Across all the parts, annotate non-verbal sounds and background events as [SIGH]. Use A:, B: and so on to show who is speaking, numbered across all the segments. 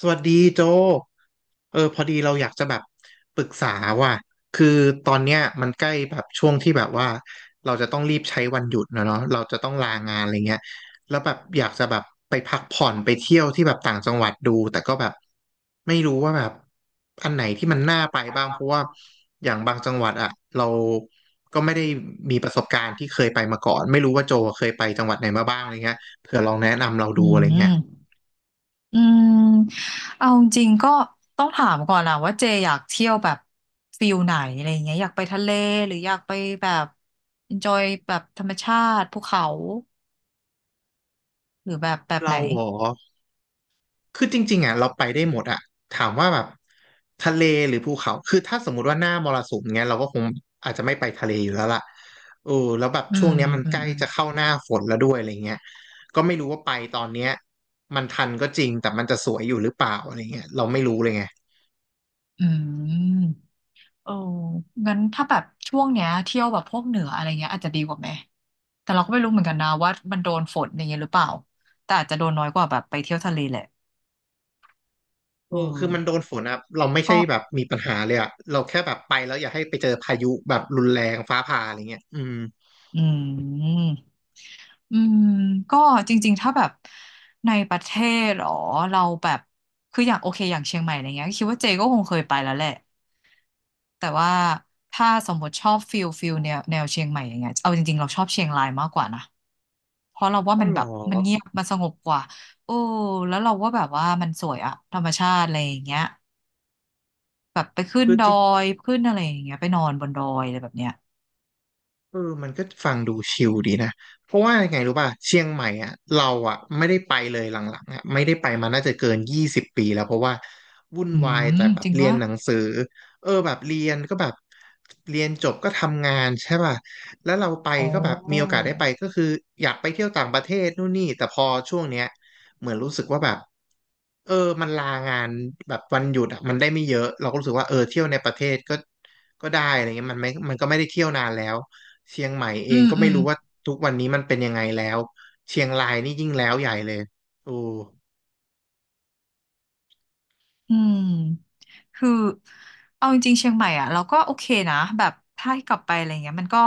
A: สวัสดีโจพอดีเราอยากจะแบบปรึกษาว่ะคือตอนเนี้ยมันใกล้แบบช่วงที่แบบว่าเราจะต้องรีบใช้วันหยุดนะเนาะเราจะต้องลางานอะไรเงี้ยแล้วแบบอยากจะแบบไปพักผ่อนไปเที่ยวที่แบบต่างจังหวัดดูแต่ก็แบบไม่รู้ว่าแบบอันไหนที่มันน่าไปบ้างเพราะว่าอย่างบางจังหวัดอะเราก็ไม่ได้มีประสบการณ์ที่เคยไปมาก่อนไม่รู้ว่าโจเคยไปจังหวัดไหนมาบ้างอะไรเงี้ยเผื่อลองแนะนำเรา
B: อื
A: ดูอะไรเงี้ย
B: มอืมเอาจริงๆก็ต้องถามก่อนนะว่าเจอยากเที่ยวแบบฟิลไหนอะไรอย่างเงี้ยอยากไปทะเลหรืออยากไปแบบ enjoy แบบธรรมชาติภูเขาหรือแบบไห
A: เรา
B: น
A: เหรอ คือจริงๆอ่ะเราไปได้หมดอ่ะถามว่าแบบทะเลหรือภูเขาคือถ้าสมมติว่าหน้ามรสุมเงี้ยเราก็คงอาจจะไม่ไปทะเลอยู่แล้วล่ะเออแล้วแบบ
B: อื
A: ช่วง
B: ม
A: เนี้ยมัน
B: อื
A: ใก
B: ม
A: ล้
B: อืม
A: จะเข้าหน้าฝนแล้วด้วยอะไรเงี้ยก็ไม่รู้ว่าไปตอนเนี้ยมันทันก็จริงแต่มันจะสวยอยู่หรือเปล่าอะไรเงี้ยเราไม่รู้เลยไง
B: อืมโอ้งั้นถ้าแบบช่วงเนี้ยเที่ยวแบบพวกเหนืออะไรเงี้ยอาจจะดีกว่าไหมแต่เราก็ไม่รู้เหมือนกันนะว่ามันโดนฝนอย่างเงี้ยหรือเปล่าแต่อาจจะโดนน้อยกว่าแบบไปเที่ยวทะเลแหละ
A: เอ
B: อื
A: อคือมันโด
B: ม
A: นฝนอ่ะเราไม่ใช่
B: ก็
A: แบบมีปัญหาเลยอ่ะเราแค่แบบไปแล้วอย่าให้ไปเจอพายุแบบรุนแรงฟ้าผ่าอะไรเงี้ยอืม
B: อืม อืมก็จริงๆถ้าแบบในประเทศหรอเราแบบคืออย่างโอเคอย่างเชียงใหม่อะไรเงี้ยคิดว่าเจก็คงเคยไปแล้วแหละแต่ว่าถ้าสมมติชอบฟิลแนวเชียงใหม่อย่างเงี้ยเอาจริงๆเราชอบเชียงรายมากกว่านะเพราะเราว่า
A: ก็
B: มัน
A: หร
B: แบ
A: อ
B: บมันเงียบมันสงบกว่าโอ้แล้วเราว่าแบบว่ามันสวยอะธรรมชาติอะไรอย่างเงี้ยแบบไปขึ้น
A: คือ
B: ด
A: จ
B: อยขึ้นอะไรอย่างเงี้ยไปนอนบนดอยอะไรแบบเนี้ย
A: เออมันก็ฟังดูชิลดีนะเพราะว่ายังไงรู้ป่ะเชียงใหม่อ่ะเราอ่ะไม่ได้ไปเลยหลังๆอ่ะไม่ได้ไปมาน่าจะเกิน20 ปีแล้วเพราะว่าวุ่น
B: อื
A: วายแต่
B: ม
A: แบ
B: จ
A: บ
B: ริง
A: เรียน
B: วะ
A: หนังสือเออแบบเรียนก็แบบเรียนจบก็ทำงานใช่ป่ะแล้วเราไป
B: โอ้
A: ก็แบบมีโอกาสได้ไปก็คืออยากไปเที่ยวต่างประเทศนู่นนี่แต่พอช่วงเนี้ยเหมือนรู้สึกว่าแบบเออมันลางานแบบวันหยุดอ่ะมันได้ไม่เยอะเราก็รู้สึกว่าเออเที่ยวในประเทศก็ได้อะไรเงี้ยมันไม่ก็ไม่ได้เที่ยวนานแล้ว เชียงใหม่เอ
B: อื
A: ง
B: ม
A: ก็
B: อื
A: ไม่
B: ม
A: รู้ว่าทุกวันนี้มันเป็นยังไงแล้วเชียงรายนี่ยิ่งแล้วใหญ่เลยโอ้โ
B: อืมคือเอาจริงๆเชียงใหม่อ่ะเราก็โอเคนะแบบถ้าให้กลับไปอะไรเงี้ยมันก็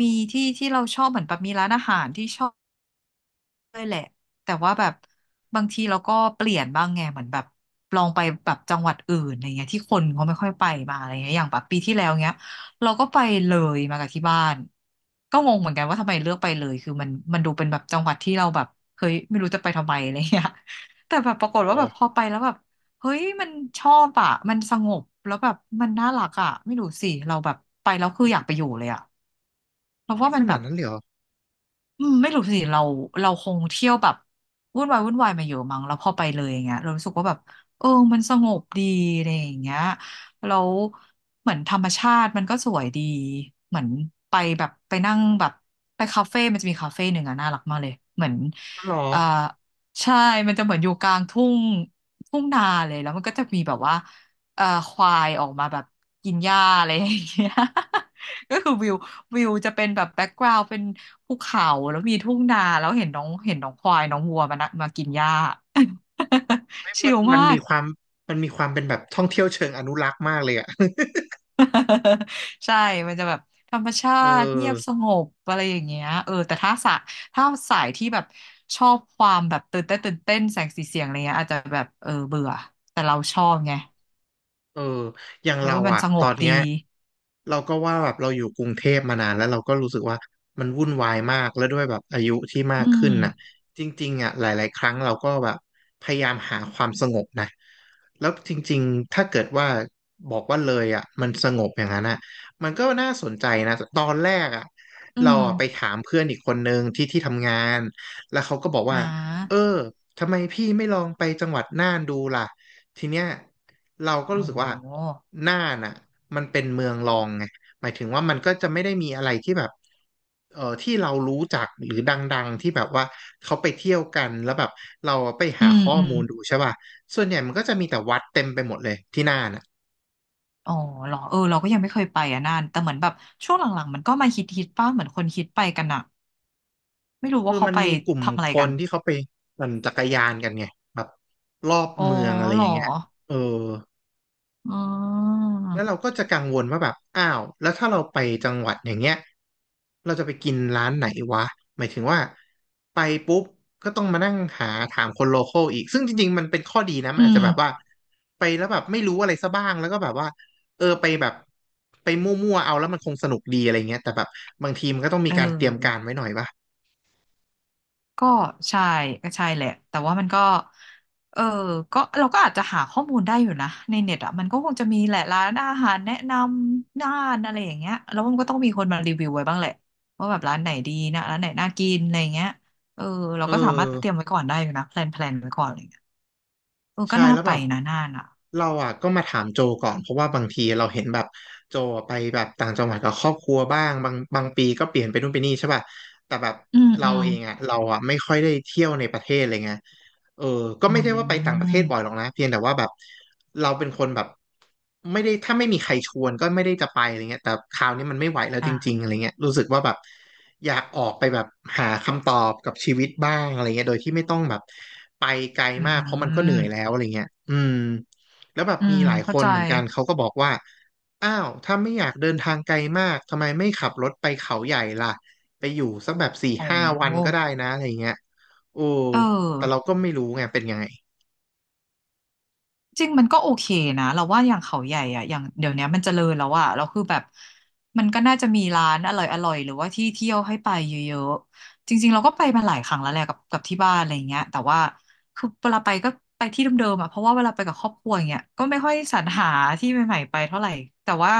B: มีที่ที่เราชอบเหมือนแบบมีร้านอาหารที่ชอบ ด้วยแหละแต่ว่าแบบบางทีเราก็เปลี่ยนบ้างไงเหมือนแบบลองไปแบบจังหวัดอื่นอะไรเงี้ยที่คนเขาไม่ค่อยไปมาอะไรเงี้ยอย่างแบบปีที่แล้วเงี้ยเราก็ไปเลยมากับที่บ้านก็งงเหมือนกันว่าทำไมเลือกไปเลยคือมันดูเป็นแบบจังหวัดที่เราแบบเฮ้ยไม่รู้จะไปทำไมอะไรเงี้ย [LAUGHS] แต่แบบปรากฏ
A: ห
B: ว่าแบบพอไปแล้วแบบเฮ้ยมันชอบอ่ะมันสงบแล้วแบบมันน่ารักอ่ะไม่รู้สิเราแบบไปแล้วคืออยากไปอยู่เลยอ่ะเพราะ
A: เฮ้
B: ว่า
A: ยข
B: มันแบ
A: นาด
B: บ
A: นั้นเลยเหรอ
B: อืมไม่รู้สิเราคงเที่ยวแบบวุ่นวายมาเยอะมั้งแล้วพอไปเลยอย่างเงี้ยเรารู้สึกว่าแบบเออมันสงบดีอะไรอย่างเงี้ยแล้วเหมือนธรรมชาติมันก็สวยดีเหมือนไปแบบไปนั่งแบบไปคาเฟ่มันจะมีคาเฟ่หนึ่งอะน่ารักมากเลยเหมือน
A: อ๋อเหรอ
B: เอ่อใช่มันจะเหมือนอยู่กลางทุ่งทุ่งนาเลยแล้วมันก็จะมีแบบว่าควายออกมาแบบกินหญ้าอะไรอย่างเงี้ย [LAUGHS] ก็คือวิว วิวจะเป็นแบบแบ็กกราว n ์เป็นภูเขาแล้วมีทุ่งนาแล้วเห็นน้องควายน้องวัวมานะมากินหญ้า
A: เฮ้ย
B: [LAUGHS] ชิล
A: มัน
B: มา
A: มี
B: ก
A: ความมันมีความเป็นแบบท่องเที่ยวเชิงอนุรักษ์มากเลยอ่ะ [LAUGHS]
B: [LAUGHS] ใช่มันจะแบบธรรมชา
A: เออ
B: ติเงียบสงบอะไรอย่างเงี้ยเออแต่ถ้าสะถ้าสายที่แบบชอบความแบบตื่นเต้นแสงสีเสียงอะไรเงี้ยอาจจะแบบเออเบื่อแต่เราชอบไง
A: เอออย่าง
B: แล้ว
A: เรา
B: ว่ามัน
A: อะ
B: สง
A: ตอ
B: บ
A: นเนี้
B: ดี
A: ยเราก็ว่าแบบเราอยู่กรุงเทพมานานแล้วเราก็รู้สึกว่ามันวุ่นวายมากแล้วด้วยแบบอายุที่มา
B: อื
A: กขึ้
B: ม
A: นน่ะจริงๆอะหลายๆครั้งเราก็แบบพยายามหาความสงบนะแล้วจริงๆถ้าเกิดว่าบอกว่าเลยอะมันสงบอย่างนั้นอะมันก็น่าสนใจนะตอนแรกอะ
B: อื
A: เรา
B: ม
A: อะไปถามเพื่อนอีกคนนึงที่ทำงานแล้วเขาก็บอก
B: อ่
A: ว่าเออ
B: า
A: ทำไมพี่ไม่ลองไปจังหวัดน่านดูล่ะทีเนี้ย เราก็รู้
B: โอ้
A: สึก
B: โห
A: ว่าน่านน่ะมันเป็นเมืองรองไงหมายถึงว่ามันก็จะไม่ได้มีอะไรที่แบบเออที่เรารู้จักหรือดังๆที่แบบว่าเขาไปเที่ยวกันแล้วแบบเราไป
B: อื
A: หา
B: ม
A: ข้อ
B: อืม
A: มูลดูใช่ป่ะส่วนใหญ่มันก็จะมีแต่วัดเต็มไปหมดเลยที่น่านอ่ะ
B: อ๋อเหรอเออเราก็ยังไม่เคยไปอ่ะน่านแต่เหมือนแบบช่วงหลังๆมันก็มาฮิตป้าเหมือนคนฮิตไปกันอะไม่รู้
A: เออ
B: ว่าเขา
A: มัน
B: ไป
A: มีกลุ่ม
B: ทำอะ
A: ค
B: ไรกั
A: น
B: น
A: ที่เขาไปปั่นจักรยานกันไงแบบรอบ
B: อ๋อ
A: เมืองอะไร
B: เห
A: อ
B: ร
A: ย่า
B: อ
A: งเงี้ยเออ
B: อ๋อ
A: แล้วเราก็จะกังวลว่าแบบอ้าวแล้วถ้าเราไปจังหวัดอย่างเงี้ยเราจะไปกินร้านไหนวะหมายถึงว่าไปปุ๊บก็ต้องมานั่งหาถามคนโลคอลอีกซึ่งจริงๆมันเป็นข้อดีนะมั
B: อื
A: นอาจ
B: ม
A: จะแบบว่าไปแล้วแบบไม่รู้อะไรซะบ้างแล้วก็แบบว่าเออไปแบบไปมั่วๆเอาแล้วมันคงสนุกดีอะไรเงี้ยแต่แบบบางทีมันก็ต้องมี
B: เอ
A: การเตรียม
B: อก็ใช่ก็ใช่แหละแต่ว่ามันก็เออก็เราก็อาจจะหาข้อมูลได้อยู่นะในเน็ตอ่ะมันก็คงจะมีแหละร้านอาหารแนะนำน่านอะไรอย่างเงี้ยแล้วมันก็ต้องมีคนมารีวิวไว้บ้างแหละว่าแบบร้านไหนดีนะร้านไหนน่ากินอะไรอย่างเงี้ยเออเรา
A: เอ
B: ก็สามารถเตรียม
A: อ
B: ไว้ก่อนได้อยู่นะแพลนไว้ก่อน เออก็
A: ใช่
B: น่า
A: แล้ว
B: ไป
A: แบบ
B: นะน่านอ่ะ
A: เราอ่ะก็มาถามโจก่อนเพราะว่าบางทีเราเห็นแบบโจไปแบบต่างจังหวัดกับครอบครัวบ้างบางบางปีก็เปลี่ยนไปนู่นไปนี่ใช่ป่ะแต่แบบ
B: อืม
A: เรา
B: อืม
A: เองอ่ะเราอ่ะไม่ค่อยได้เที่ยวในประเทศเลยไงเออก็
B: อื
A: ไม่ได้ว่าไปต่างประเทศบ่อยหรอก
B: ม
A: นะเพียงแต่ว่าแบบเราเป็นคนแบบไม่ได้ถ้าไม่มีใครชวนก็ไม่ได้จะไปอะไรเงี้ยแต่คราวนี้มันไม่ไหวแล้วจริงๆอะ
B: อ่า
A: ไรเงี้ยรู้สึกว่าแบบ อยากออกไปแบบหาคำตอบกับชีวิตบ้างอะไรเงี้ยโดยที่ไม่ต้องแบบไปไกล
B: อื
A: มากเพราะมันก็เหนื่อ
B: ม
A: ยแล้วอะไรเงี้ยอืมแล้วแบบ
B: อื
A: มี
B: ม
A: หลายค
B: เข้า
A: น
B: ใจ
A: เหมือนกันเขาก็บอกว่าอ้าวถ้าไม่อยากเดินทางไกลมากทำไมไม่ขับรถไปเขาใหญ่ล่ะไปอยู่สักแบบสี่
B: โอ
A: ห้าวันก็
B: ้
A: ได้นะอะไรเงี้ยโอ้
B: เออ
A: แต่เราก็ไม่รู้ไงเป็นยังไง
B: จริงมันก็โอเคนะเราว่าอย่างเขาใหญ่อะอย่างเดี๋ยวเนี้ยมันเจริญแล้วอะเราคือแบบมันก็น่าจะมีร้านอร่อยหรือว่าที่เที่ยวให้ไปเยอะๆจริงๆเราก็ไปมาหลายครั้งแล้วแหละกับที่บ้านอะไรเงี้ยแต่ว่าคือเวลาไปก็ไปที่เดิมๆอะเพราะว่าเวลาไปกับครอบครัวอย่างเงี้ยก็ไม่ค่อยสรรหาที่ใหม่ๆไปเท่าไหร่แต่ว่า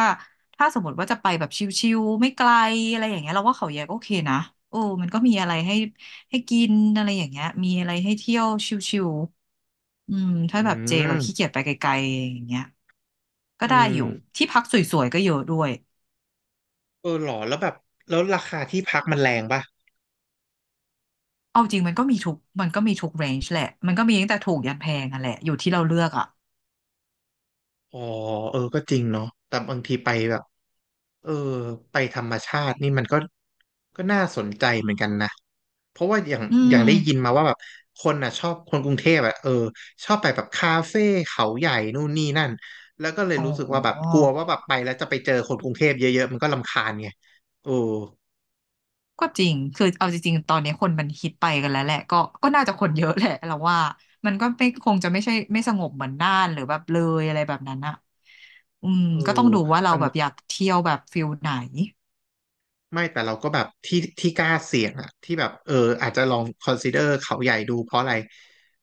B: ถ้าสมมติว่าจะไปแบบชิลๆไม่ไกลอะไรอย่างเงี้ยเราว่าเขาใหญ่ก็โอเคนะโอ้มันก็มีอะไรให้ ให้กินอะไรอย่างเงี้ยมีอะไรให้เที่ยวชิวๆอืม
A: อื
B: ถ้าแบบเจแบบขี้เกี
A: ม
B: ยจไปไกลๆอย่างเงี้ยก็
A: อื
B: ได้อ
A: ม
B: ยู่ที่พักสวยๆก็เยอะด้วย
A: เออหรอแล้วแบบแล้วราคาที่พักมันแรงป่ะ
B: เอาจริงมันก็มีทุกเรนจ์แหละมันก็มีตั้งแต่ถูกยันแพงนั่นแหละอยู่ที่เราเลือกอ่ะ
A: อ๋อเออก็จริงเนาะแต่บางทีไปแบบเออไปธรรมชาตินี่มันก็ก็น่าสนใจเหมือนกันนะ เพราะว่าอย่าง
B: อื
A: อย่าง
B: ม
A: ได้ยินมาว่าแบบคนอ่ะชอบคนกรุงเทพอ่ะเออชอบไปแบบคาเฟ่เขาใหญ่นู่นนี่นั่นแล้วก็เลย
B: อ๋
A: รู้สึกว่าแบบ
B: อ
A: กลัวว่าแบบไปแล้วจะไปเจอคนกรุงเทพเยอะๆมันก็รำคาญไงเออ
B: ก็จริงคือเอาจริงๆตอนนี้คนมันฮิตไปกันแล้วแหละก็ก็น่าจะคนเยอะแหละเราว่ามันก็ไม่คงจะไม่ใช่ไม่สงบเหมือนน่านหรือแบบเลยอะไรแบบนั้นอ่ะอืม
A: เออ
B: ก็ต้องดูว่าเรา
A: มัน
B: แบบอยากเที่ยวแบบฟิลไหน
A: ไม่แต่เราก็แบบที่ที่กล้าเสี่ยงอะที่แบบเอออาจจะลอง consider เขาใหญ่ดูเพราะอะไร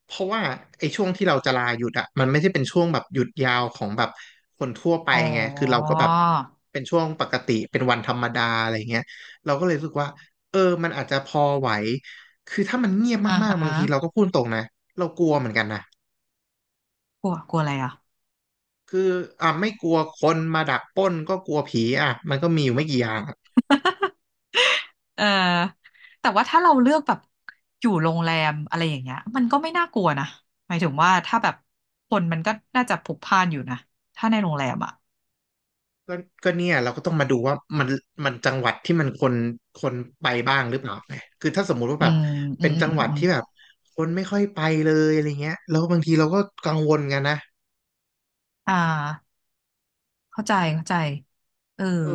A: เพราะว่าไอ้ช่วงที่เราจะลาหยุดอะมันไม่ใช่เป็นช่วงแบบหยุดยาวของแบบคนทั่วไป
B: อ๋อ
A: ไงคือเราก็แบบเป็นช่วงปกติเป็นวันธรรมดาอะไรเงี้ยเราก็เลยรู้สึกว่าเออมันอาจจะพอไหวคือถ้ามันเงียบ
B: อ่า
A: มาก
B: ฮะ
A: ๆบางทีเราก็พูดตรงนะเรากลัวเหมือนกันนะ
B: กลัวกลัวอะไรอ่ะ
A: คืออ่ะไม่กลัวคนมาดักปล้นก็กลัวผีอ่ะมันก็มีอยู่ไม่กี่อย่าง
B: เออแต่ว่าถ้าเราเลือกแบบอยู่โรงแรมอะไรอย่างเงี้ยมันก็ไม่น่ากลัวนะหมายถึงว่าถ้าแบบคนมันก็น่าจะพลุกพล่านอยู่นะถ้าในโรงแรมอ่ะ
A: ก็ก็เนี่ยเราก็ต้องมาดูว่ามันมันจังหวัดที่มันคนคนไปบ้างหรือเปล่าไงคือถ้าสมมุติว่า
B: อื
A: แบบ
B: มอื
A: เป็
B: ม
A: น
B: อืม
A: จัง
B: อื
A: ห
B: ม
A: วัด
B: อม
A: ที่แบบคนไม่ค่อยไปเลยอะไรเงี้ยแล้วบางทีเราก็กังวลกันนะ
B: อ่าเข้าใจเข้าใจเออ
A: เออ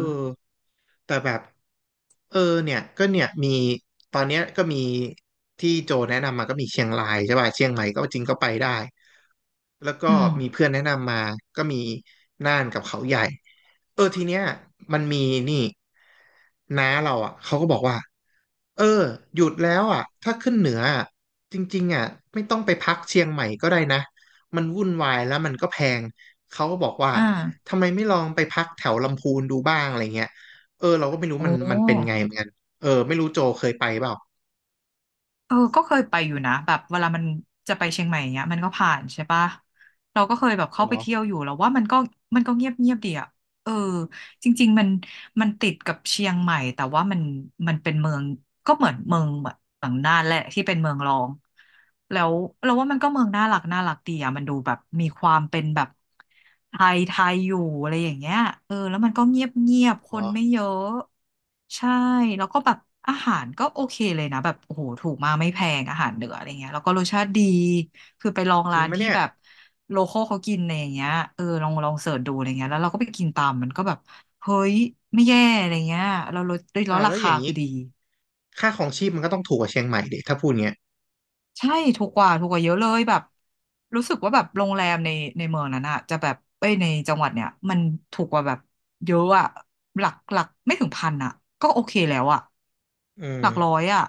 A: แต่แบบเออเนี่ยก็เนี่ยมีตอนเนี้ยก็มีที่โจแนะนำมาก็มีเชียงรายใช่ป่ะเชียงใหม่ก็จริงก็ไปได้ แล้วก็
B: อืม
A: มีเพื่อนแนะนำมาก็มีน่านกับเขาใหญ่เออทีเนี้ยมันมีนี่น้าเราอ่ะเขาก็บอกว่าเออหยุดแล้วอ่ะถ้าขึ้นเหนืออะจริงๆอ่ะไม่ต้องไปพักเชียงใหม่ก็ได้นะมันวุ่นวายแล้วมันก็แพงเขาก็บอกว่า
B: อ่า
A: ทำไมไม่ลองไปพักแถวลำพูนดูบ้างอะไรเงี้ยเออเราก็ไม่รู้
B: โอ
A: มันมันเป็นไง
B: ้
A: เหมือนกันเออไม่รู้โจเคยไปเปล่า
B: เออก็เคยไปอยู่นะแบบเวลามันจะไปเชียงใหม่เนี้ยมันก็ผ่านใช่ปะเราก็เคยแบบ
A: เอา
B: เข้า
A: เหร
B: ไป
A: อ
B: เที่ยวอยู่แล้วว่ามันก็มันก็เงียบเงียบดีอะเออ จริงๆมันติดกับเชียงใหม่แต่ว่ามันมันเป็นเมืองก็เหมือนเมืองแบบหลังน่านแหละที่เป็นเมืองรองแล้วเราว่ามันก็เมืองน่ารักน่ารักดีอะมันดูแบบมีความเป็นแบบไทยไทยอยู่อะไรอย่างเงี้ยเออแล้วมันก็เงียบเงียบค
A: อ๋อ
B: นไม่เยอะใช่แล้วก็แบบอาหารก็โอเคเลยนะแบบโอ้โหถูกมากไม่แพงอาหารเหนืออะไรเงี้ยแล้วก็รสชาติดีคือไปลอง
A: จริ
B: ร้า
A: ง
B: น
A: ไหม
B: ที่
A: เนี่ย
B: แบบโลคอลเขากินอะไรอย่างเงี้ยเออลองลองเสิร์ชดูอะไรเงี้ยแล้วเราก็ไปกินตามมันก็แบบ เฮ้ยไม่แย่อะไรเงี้ยเราลดได้แล้
A: อ้า
B: ว
A: ว
B: รา
A: แล้วอ
B: คา
A: ย่างนี้
B: คือดี
A: ค่าของชีพมันก็ต้องถูกกว่าเชียงใหม่ดิถ้าพูดเงี้ย
B: ใช่ถูกกว่าถูกกว่าเยอะเลยแบบรู้สึกว่าแบบโรงแรมในเมืองนั้นอะจะแบบเอ้ยในจังหวัดเนี่ยมันถูกกว่าแบบเยอะอะหลักหลักไม่ถึงพันอะก็โอเคแล้วอะ
A: เออ
B: หลักร้อยอะ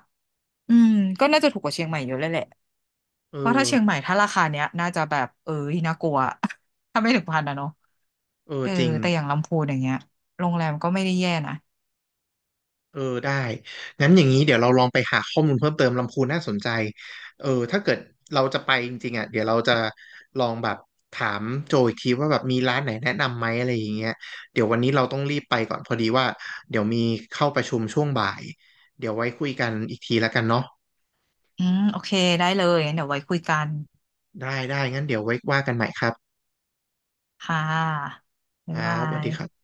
B: อืมก็น่าจะถูกกว่าเชียงใหม่เยอะเลยแหละ
A: เออ
B: เพราะถ้าเชียงใหม่ถ้าราคาเนี้ยน่าจะแบบเอ้ยน่ากลัว [LAUGHS] ถ้าไม่ถึงพันอะเนาะ
A: เออ
B: เออ
A: จริง
B: แต่อย่างลำพูนอย่างเงี้ยโรงแรมก็ไม่ได้แย่นะ
A: เออได้งั้นอย่างนี้เดี๋ยวเราลองไปหาข้อมูลเพิ่มเติมลำพูนน่าสนใจเออถ้าเกิดเราจะไปจริงๆอ่ะเดี๋ยวเราจะลองแบบถามโจอีกทีว่าแบบมีร้านไหนแนะนำไหมอะไรอย่างเงี้ยเดี๋ยววันนี้เราต้องรีบไปก่อนพอดีว่าเดี๋ยวมีเข้าประชุมช่วงบ่ายเดี๋ยวไว้คุยกันอีกทีแล้วกันเนาะ
B: อืมโอเคได้เลยงั้นเดี๋ยวไว้คุยกัน
A: ได้ได้งั้นเดี๋ยวไว้ว่ากันใหม่ครับ
B: ค่ะ
A: ค
B: บ๊าย
A: รั
B: บา
A: บสวัส
B: ย
A: ดีครับ